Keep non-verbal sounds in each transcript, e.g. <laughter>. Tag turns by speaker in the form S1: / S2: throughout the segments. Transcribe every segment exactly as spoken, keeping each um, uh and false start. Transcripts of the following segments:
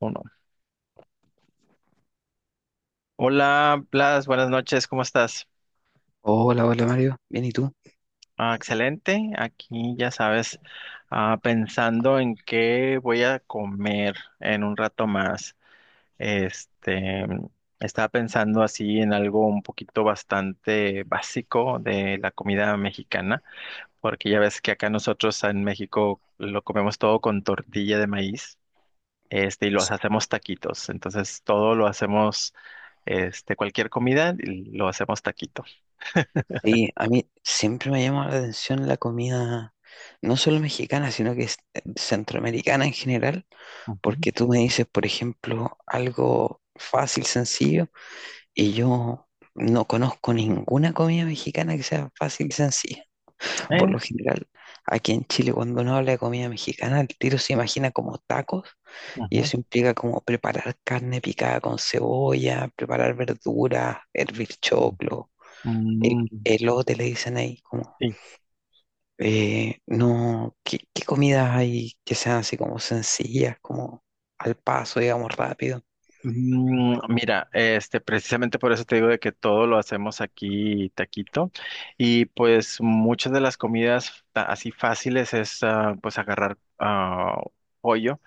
S1: Uno. Hola, Blas, buenas noches, ¿cómo estás?
S2: Hola, hola Mario, bien, ¿y tú?
S1: Ah, excelente, aquí ya sabes, ah, pensando en qué voy a comer en un rato más. Este, Estaba pensando así en algo un poquito bastante básico de la comida mexicana, porque ya ves que acá nosotros en México lo comemos todo con tortilla de maíz, este, y los hacemos taquitos. Entonces todo lo hacemos, este, cualquier comida lo hacemos taquitos.
S2: Sí, a mí siempre me llama la atención la comida, no solo mexicana, sino que es eh, centroamericana en general,
S1: Ujú.
S2: porque tú me dices, por ejemplo, algo fácil, sencillo, y yo no conozco ninguna comida mexicana que sea fácil y sencilla. <laughs> Por
S1: Eh,
S2: lo general, aquí en Chile, cuando uno habla de comida mexicana, el tiro se imagina como tacos, y
S1: ujú,
S2: eso implica como preparar carne picada con cebolla, preparar verduras, hervir
S1: ujú.
S2: choclo. Eh,
S1: Mm,
S2: eh, los hoteles dicen ahí como,
S1: sí.
S2: eh, no, ¿qué, qué comidas hay que sean así como sencillas, como al paso, digamos, rápido?
S1: Mm, mira, este, precisamente por eso te digo de que todo lo hacemos aquí taquito y pues muchas de las comidas ta- así fáciles es ah, pues agarrar ah, pollo,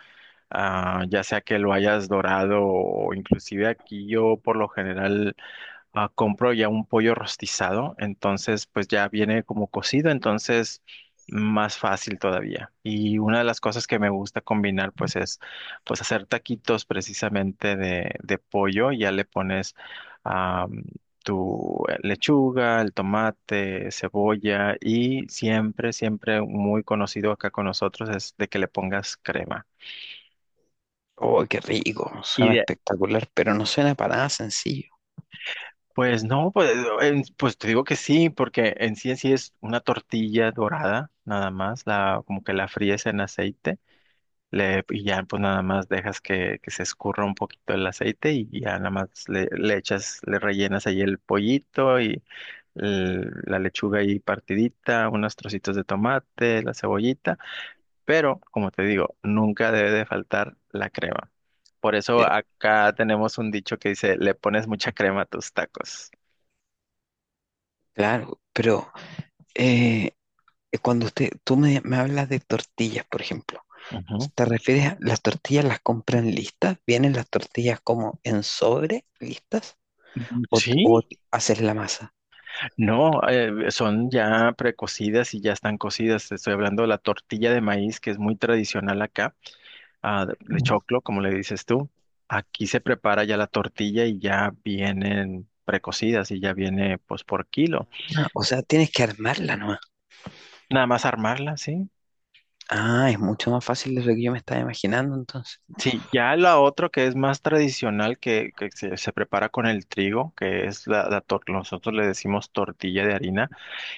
S1: ah, ya sea que lo hayas dorado o inclusive aquí yo por lo general ah, compro ya un pollo rostizado, entonces pues ya viene como cocido, entonces más fácil todavía. Y una de las cosas que me gusta combinar pues es pues hacer taquitos precisamente de, de pollo, ya le pones ah, tu eh, lechuga, el tomate, cebolla y siempre, siempre muy conocido acá con nosotros es de que le pongas crema.
S2: Oh, qué rico,
S1: Y
S2: suena
S1: de
S2: espectacular, pero no suena para nada sencillo.
S1: pues no, pues, en- pues te digo que sí, porque en sí en sí es una tortilla dorada, nada más, la, como que la fríes en aceite, le, y ya pues nada más dejas que, que se escurra un poquito el aceite y ya nada más le, le echas, le rellenas ahí el pollito y el- la lechuga ahí partidita, unos trocitos de tomate, la cebollita, pero como te digo, nunca debe de faltar la crema. Por eso
S2: Pero-
S1: acá tenemos un dicho que dice, le pones mucha crema a tus tacos.
S2: Claro, pero eh, eh, cuando usted, tú me, me hablas de tortillas, por ejemplo,
S1: Ujú.
S2: ¿te refieres a las tortillas las compran listas? ¿Vienen las tortillas como en sobre listas? ¿O, o
S1: Sí,
S2: haces la masa?
S1: no, eh, son ya precocidas y ya están cocidas. Te estoy hablando de la tortilla de maíz, que es muy tradicional acá, ah, de de choclo, como le dices tú. Aquí se prepara ya la tortilla y ya vienen precocidas y ya viene pues por kilo.
S2: Ah, o sea, tienes que armarla nomás.
S1: Nada más armarla, ¿sí?
S2: Ah, es mucho más fácil de lo que yo me estaba imaginando entonces.
S1: Sí, ya la otro que es más tradicional, que, que se, se prepara con el trigo, que es la, la tor- nosotros le decimos tortilla de harina.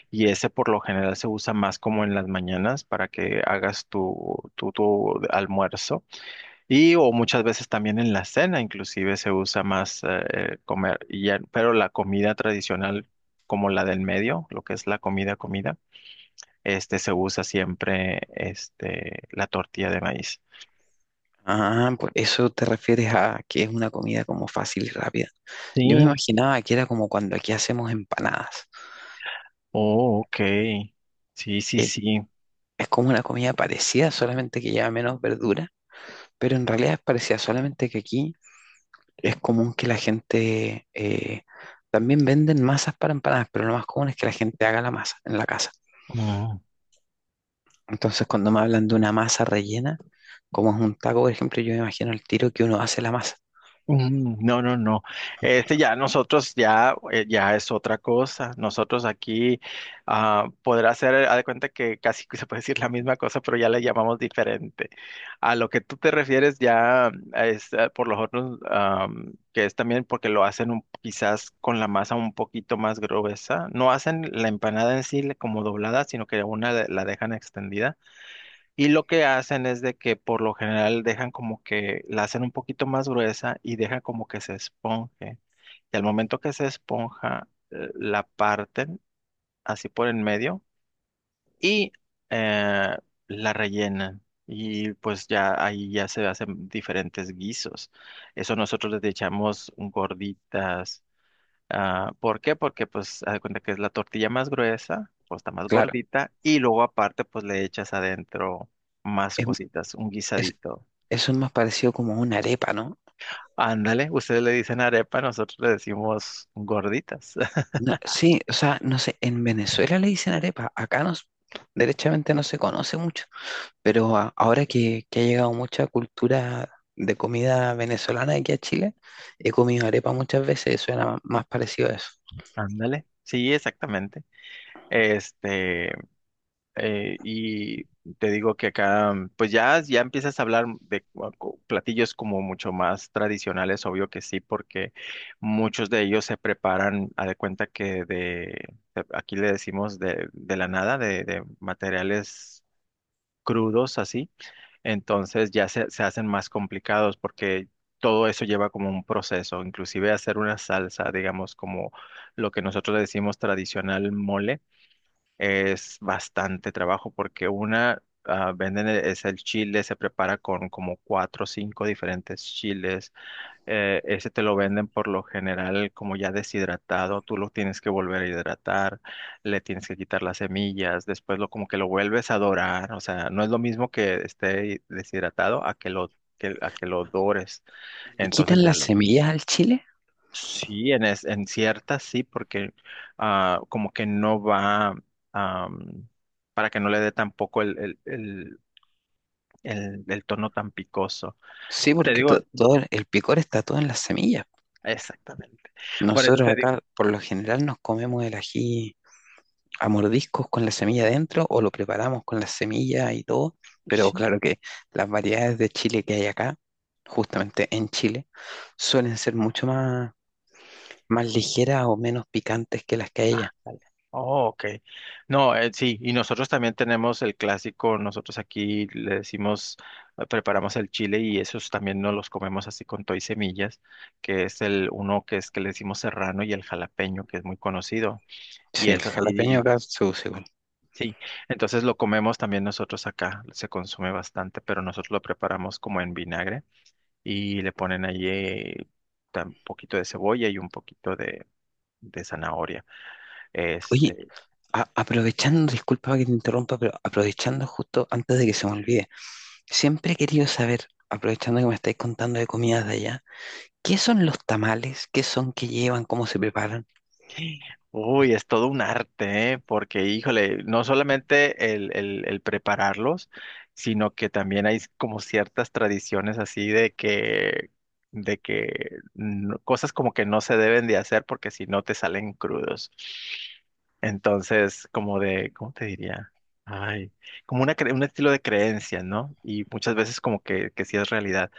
S1: Y ese por lo general se usa más como en las mañanas para que hagas tu, tu, tu almuerzo. Y o muchas veces también en la cena inclusive se usa más eh, eh, comer. Y ya- pero la comida tradicional como la del medio, lo que es la comida, comida, este se usa siempre este, la tortilla de maíz.
S2: Ah, por eso te refieres a que es una comida como fácil y rápida. Yo me
S1: Sí.
S2: imaginaba que era como cuando aquí hacemos empanadas,
S1: Oh, ok. Sí, sí,
S2: que
S1: sí.
S2: es como una comida parecida, solamente que lleva menos verdura, pero en realidad es parecida, solamente que aquí es común que la gente eh, también venden masas para empanadas, pero lo más común es que la gente haga la masa en la casa.
S1: Mm.
S2: Entonces, cuando me hablan de una masa rellena, como es un taco, por ejemplo, yo me imagino el tiro que uno hace la masa.
S1: Mm, no, no, no. Este ya nosotros ya, eh, ya es otra cosa. Nosotros aquí ah, podrá ser, haz de cuenta que casi que se puede decir la misma cosa, pero ya le llamamos diferente. A lo que tú te refieres ya es eh, por lo otros, am, que es también porque lo hacen un- quizás con la masa un poquito más gruesa. No hacen la empanada en sí le- como doblada, sino que una de- la dejan extendida y lo que hacen es de que por lo general dejan como que la hacen un poquito más gruesa y dejan como que se esponje. Y al momento que se esponja, eh, la parten así por en medio y eh, la rellenan. Y pues ya ahí ya se hacen diferentes guisos. Eso nosotros les echamos gorditas. Ah, ¿por qué? Porque pues haz de cuenta que es la tortilla más gruesa, pues está más
S2: Claro.
S1: gordita y luego aparte pues le echas adentro más
S2: Es-
S1: cositas, un
S2: es-
S1: guisadito.
S2: Eso es más parecido como a una arepa, ¿no?
S1: Ándale, ustedes le dicen arepa, nosotros le decimos gorditas. <laughs>
S2: No, sí, o sea, no sé, en Venezuela le dicen arepa, acá no, s- derechamente no se conoce mucho, pero a- ahora que, que ha llegado mucha cultura de comida venezolana aquí a Chile, he comido arepa muchas veces, eso era m- más parecido a eso.
S1: Ándale, sí, exactamente. Este, eh, y te digo que acá, mm, pues ya, ya empiezas a hablar de cu- cu- platillos como mucho más tradicionales, obvio que sí, porque muchos de ellos se preparan, a de cuenta que de, de- aquí le decimos de, de la nada, de, de materiales crudos así, entonces ya se, se hacen más complicados porque todo eso lleva como un proceso, inclusive hacer una salsa, digamos, como lo que nosotros le decimos tradicional mole es bastante trabajo porque una ah, venden e- es el chile, se prepara con como cuatro o cinco diferentes chiles. Eh, ese te lo venden por lo general como ya deshidratado, tú lo tienes que volver a hidratar, le tienes que quitar las semillas, después lo como que lo vuelves a dorar, o sea, no es lo mismo que esté deshidratado a que lo que, a que lo dores.
S2: ¿Le
S1: Entonces
S2: quitan
S1: ya
S2: las
S1: lo
S2: semillas al chile?
S1: sí, en, es- en ciertas sí, porque ah, como que no va am, para que no le dé tampoco el, el, el, el, el tono tan picoso.
S2: Sí,
S1: Te
S2: porque
S1: digo,
S2: to- todo el el picor está todo en las semillas.
S1: exactamente. Por eso
S2: Nosotros
S1: te digo,
S2: acá por lo general nos comemos el ají a mordiscos con la semilla
S1: oh,
S2: dentro o lo preparamos con la semilla y todo, pero
S1: sí,
S2: claro que las variedades de chile que hay acá, justamente en Chile, suelen ser mucho más, más ligeras o menos picantes que las que hay
S1: ah,
S2: allá.
S1: dale. Oh, ok. No, eh, sí, y nosotros también tenemos el clásico, nosotros aquí le decimos, eh, preparamos el chile y esos también no los comemos así con todo y semillas, que es el uno que es que le decimos serrano y el jalapeño, que es muy conocido. Y
S2: Sí, el
S1: es
S2: jalapeño
S1: así,
S2: acá se usa igual.
S1: sí. Entonces lo comemos también nosotros acá, se consume bastante, pero nosotros lo preparamos como en vinagre y le ponen allí eh, tam- un poquito de cebolla y un poquito de, de zanahoria.
S2: Oye,
S1: Este,
S2: a- aprovechando, disculpa que te interrumpa, pero aprovechando justo antes de que se me olvide, siempre he querido saber, aprovechando que me estáis contando de comidas de allá, ¿qué son los tamales? ¿Qué son qué llevan? ¿Cómo se preparan?
S1: Uy, es todo un arte, ¿eh? Porque, híjole, no solamente el, el- el prepararlos, sino que también hay como ciertas tradiciones así de que, de que no- cosas como que no se deben de hacer porque si no te salen crudos. Entonces, como de, ¿cómo te diría? Ay, como una, cre- un estilo de creencia, ¿no? Y muchas veces como que, que sí es realidad.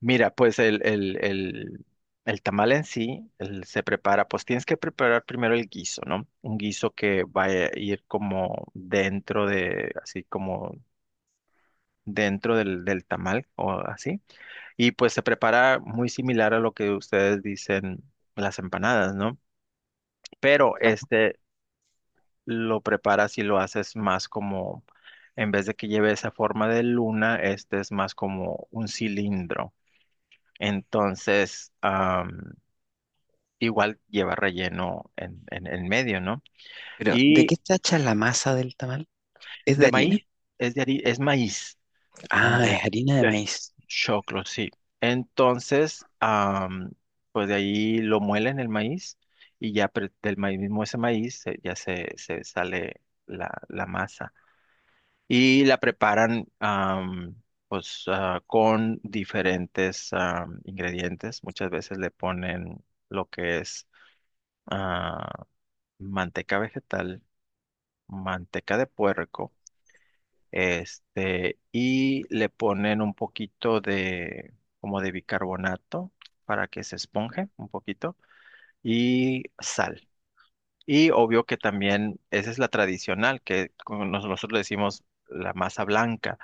S1: Mira, pues el, el, el, el tamal en sí el- se prepara, pues tienes que preparar primero el guiso, ¿no? Un guiso que va a ir como dentro de, así como dentro del, del tamal o así. Y pues se prepara muy similar a lo que ustedes dicen las empanadas, ¿no? Pero este lo preparas y lo haces más como, en vez de que lleve esa forma de luna, este es más como un cilindro. Entonces, igual lleva relleno en, en, en medio, ¿no?
S2: Pero, ¿de
S1: Y
S2: qué está hecha la masa del tamal? ¿Es de
S1: de
S2: harina?
S1: maíz, es de hari- es maíz, ah,
S2: Ah,
S1: de-
S2: es harina de
S1: del
S2: maíz,
S1: choclo, sí. Entonces, am, pues de ahí lo muelen el maíz y ya pre- del maíz mismo ese maíz eh, ya se, se sale la, la masa. Y la preparan am, pues ah, con diferentes am, ingredientes. Muchas veces le ponen lo que es ah, manteca vegetal, manteca de puerco, este, y le ponen un poquito de, como de bicarbonato para que se esponje un poquito, y sal. Y obvio que también, esa es la tradicional, que como nos- nosotros le decimos la masa blanca.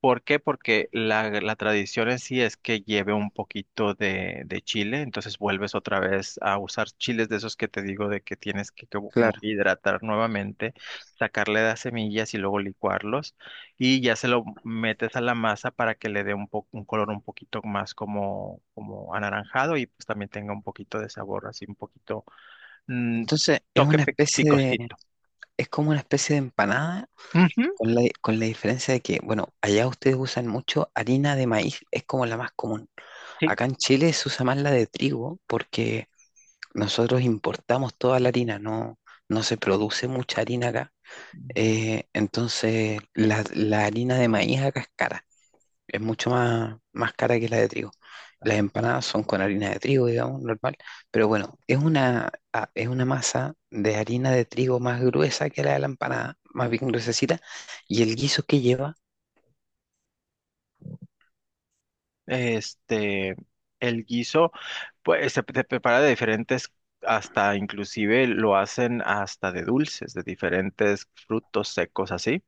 S1: ¿Por qué? Porque la, la tradición en sí es que lleve un poquito de, de chile, entonces vuelves otra vez a usar chiles de esos que te digo de que tienes que como, como
S2: claro.
S1: que hidratar nuevamente, sacarle las semillas y luego licuarlos y ya se lo metes a la masa para que le dé un po- un color un poquito más como, como anaranjado y pues también tenga un poquito de sabor, así un poquito mm,
S2: Entonces, es
S1: toque
S2: una
S1: pe-
S2: especie de,
S1: picosito.
S2: es como una especie de empanada,
S1: Ujú,
S2: con la, con la diferencia de que, bueno, allá ustedes usan mucho harina de maíz, es como la más común.
S1: sí.
S2: Acá en Chile se usa más la de trigo, porque nosotros importamos toda la harina, no, no se produce mucha harina acá. Eh, entonces, la, la harina de maíz acá es cara. Es mucho más, más cara que la de trigo. Las empanadas son con harina de trigo, digamos, normal, pero bueno, es una, ah, es una masa de harina de trigo más gruesa que la de la empanada, más bien gruesecita, y el guiso que lleva,
S1: Este, el guiso, pues se, se prepara de diferentes, hasta inclusive lo hacen hasta de dulces, de diferentes frutos secos así.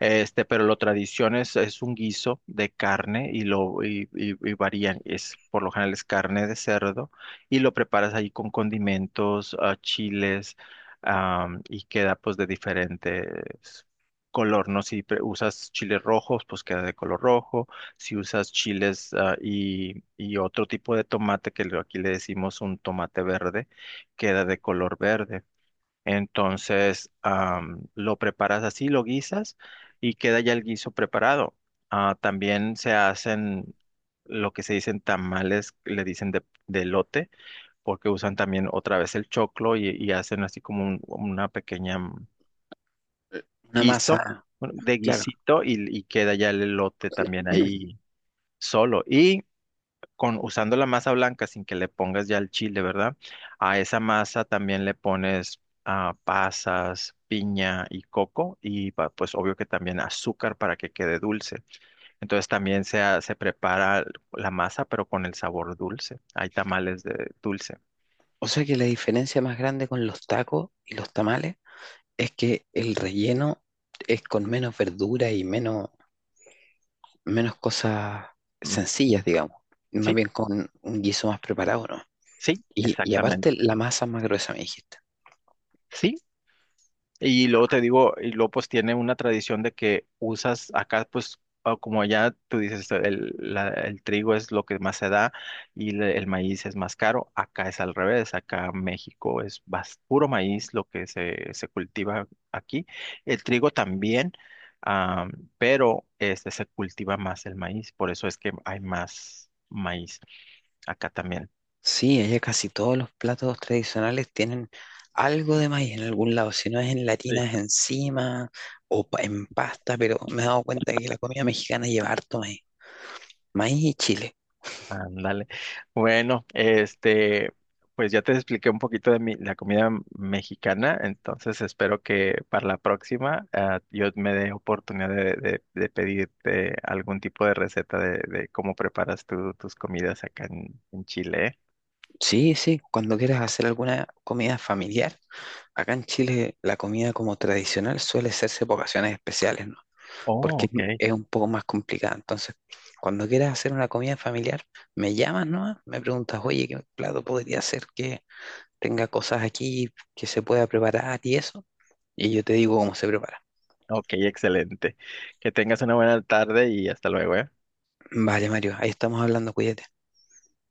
S1: Este, pero lo tradición es, es un guiso de carne y lo y, y- y varían. Es, por lo general es carne de cerdo y lo preparas ahí con condimentos, ah, chiles, am, y queda pues de diferentes color, ¿no? Si pre- usas chiles rojos, pues queda de color rojo. Si usas chiles ah, y, y otro tipo de tomate que lo- aquí le decimos un tomate verde, queda de color verde. Entonces, am, lo preparas así, lo guisas y queda ya el guiso preparado. Ah, también se hacen lo que se dicen tamales, le dicen de, de elote, porque usan también otra vez el choclo y, y hacen así como un- una pequeña mm,
S2: una
S1: guiso,
S2: masa,
S1: bueno, de
S2: claro.
S1: guisito y, y queda ya el elote también
S2: <clears throat>
S1: ahí solo con usando la masa blanca sin que le pongas ya el chile, ¿verdad? A esa masa también le pones ah, pasas, piña y coco y pa- pues obvio que también azúcar para que quede dulce. Entonces también se, ha- se prepara la masa pero con el sabor dulce. Hay tamales de dulce.
S2: O sea que la diferencia más grande con los tacos y los tamales es que el relleno es con menos verdura y menos, menos cosas
S1: Mm,
S2: sencillas,
S1: mm.
S2: digamos, más
S1: Sí,
S2: bien con un guiso más preparado, ¿no?
S1: sí,
S2: Y, y aparte
S1: exactamente.
S2: la masa es más gruesa, me dijiste.
S1: Sí, y luego te digo, y luego pues tiene una tradición de que usas acá, pues ah, como allá tú dices, el, la- el trigo es lo que más se da y le- el maíz es más caro, acá es al revés, acá México es bas- puro maíz lo que se, se cultiva aquí, el trigo también, ah, pero este se cultiva más el maíz, por eso es que hay más maíz acá también.
S2: Sí, allá casi todos los platos tradicionales tienen algo de maíz en algún lado, si no es en latinas es encima o pa- en pasta, pero me he dado cuenta que la comida mexicana lleva harto maíz, maíz y chile.
S1: Ándale. Bueno, este, pues ya te expliqué un poquito de mi, la comida mexicana, entonces espero que para la próxima ah, yo me dé oportunidad de, de- de pedirte algún tipo de receta de, de cómo preparas tú tus comidas acá en, en Chile, ¿eh?
S2: Sí, sí, cuando quieras hacer alguna comida familiar, acá en Chile la comida como tradicional suele hacerse por ocasiones especiales, ¿no?
S1: Oh,
S2: Porque
S1: ok.
S2: es un poco más complicada. Entonces, cuando quieras hacer una comida familiar, me llamas, ¿no? Me preguntas, oye, ¿qué plato podría hacer? Tenga cosas aquí que se pueda preparar y eso. Y yo te digo cómo se prepara.
S1: Ok, excelente. Que tengas una buena tarde y hasta luego, ¿eh?
S2: Vale, Mario, ahí estamos hablando, cuídate.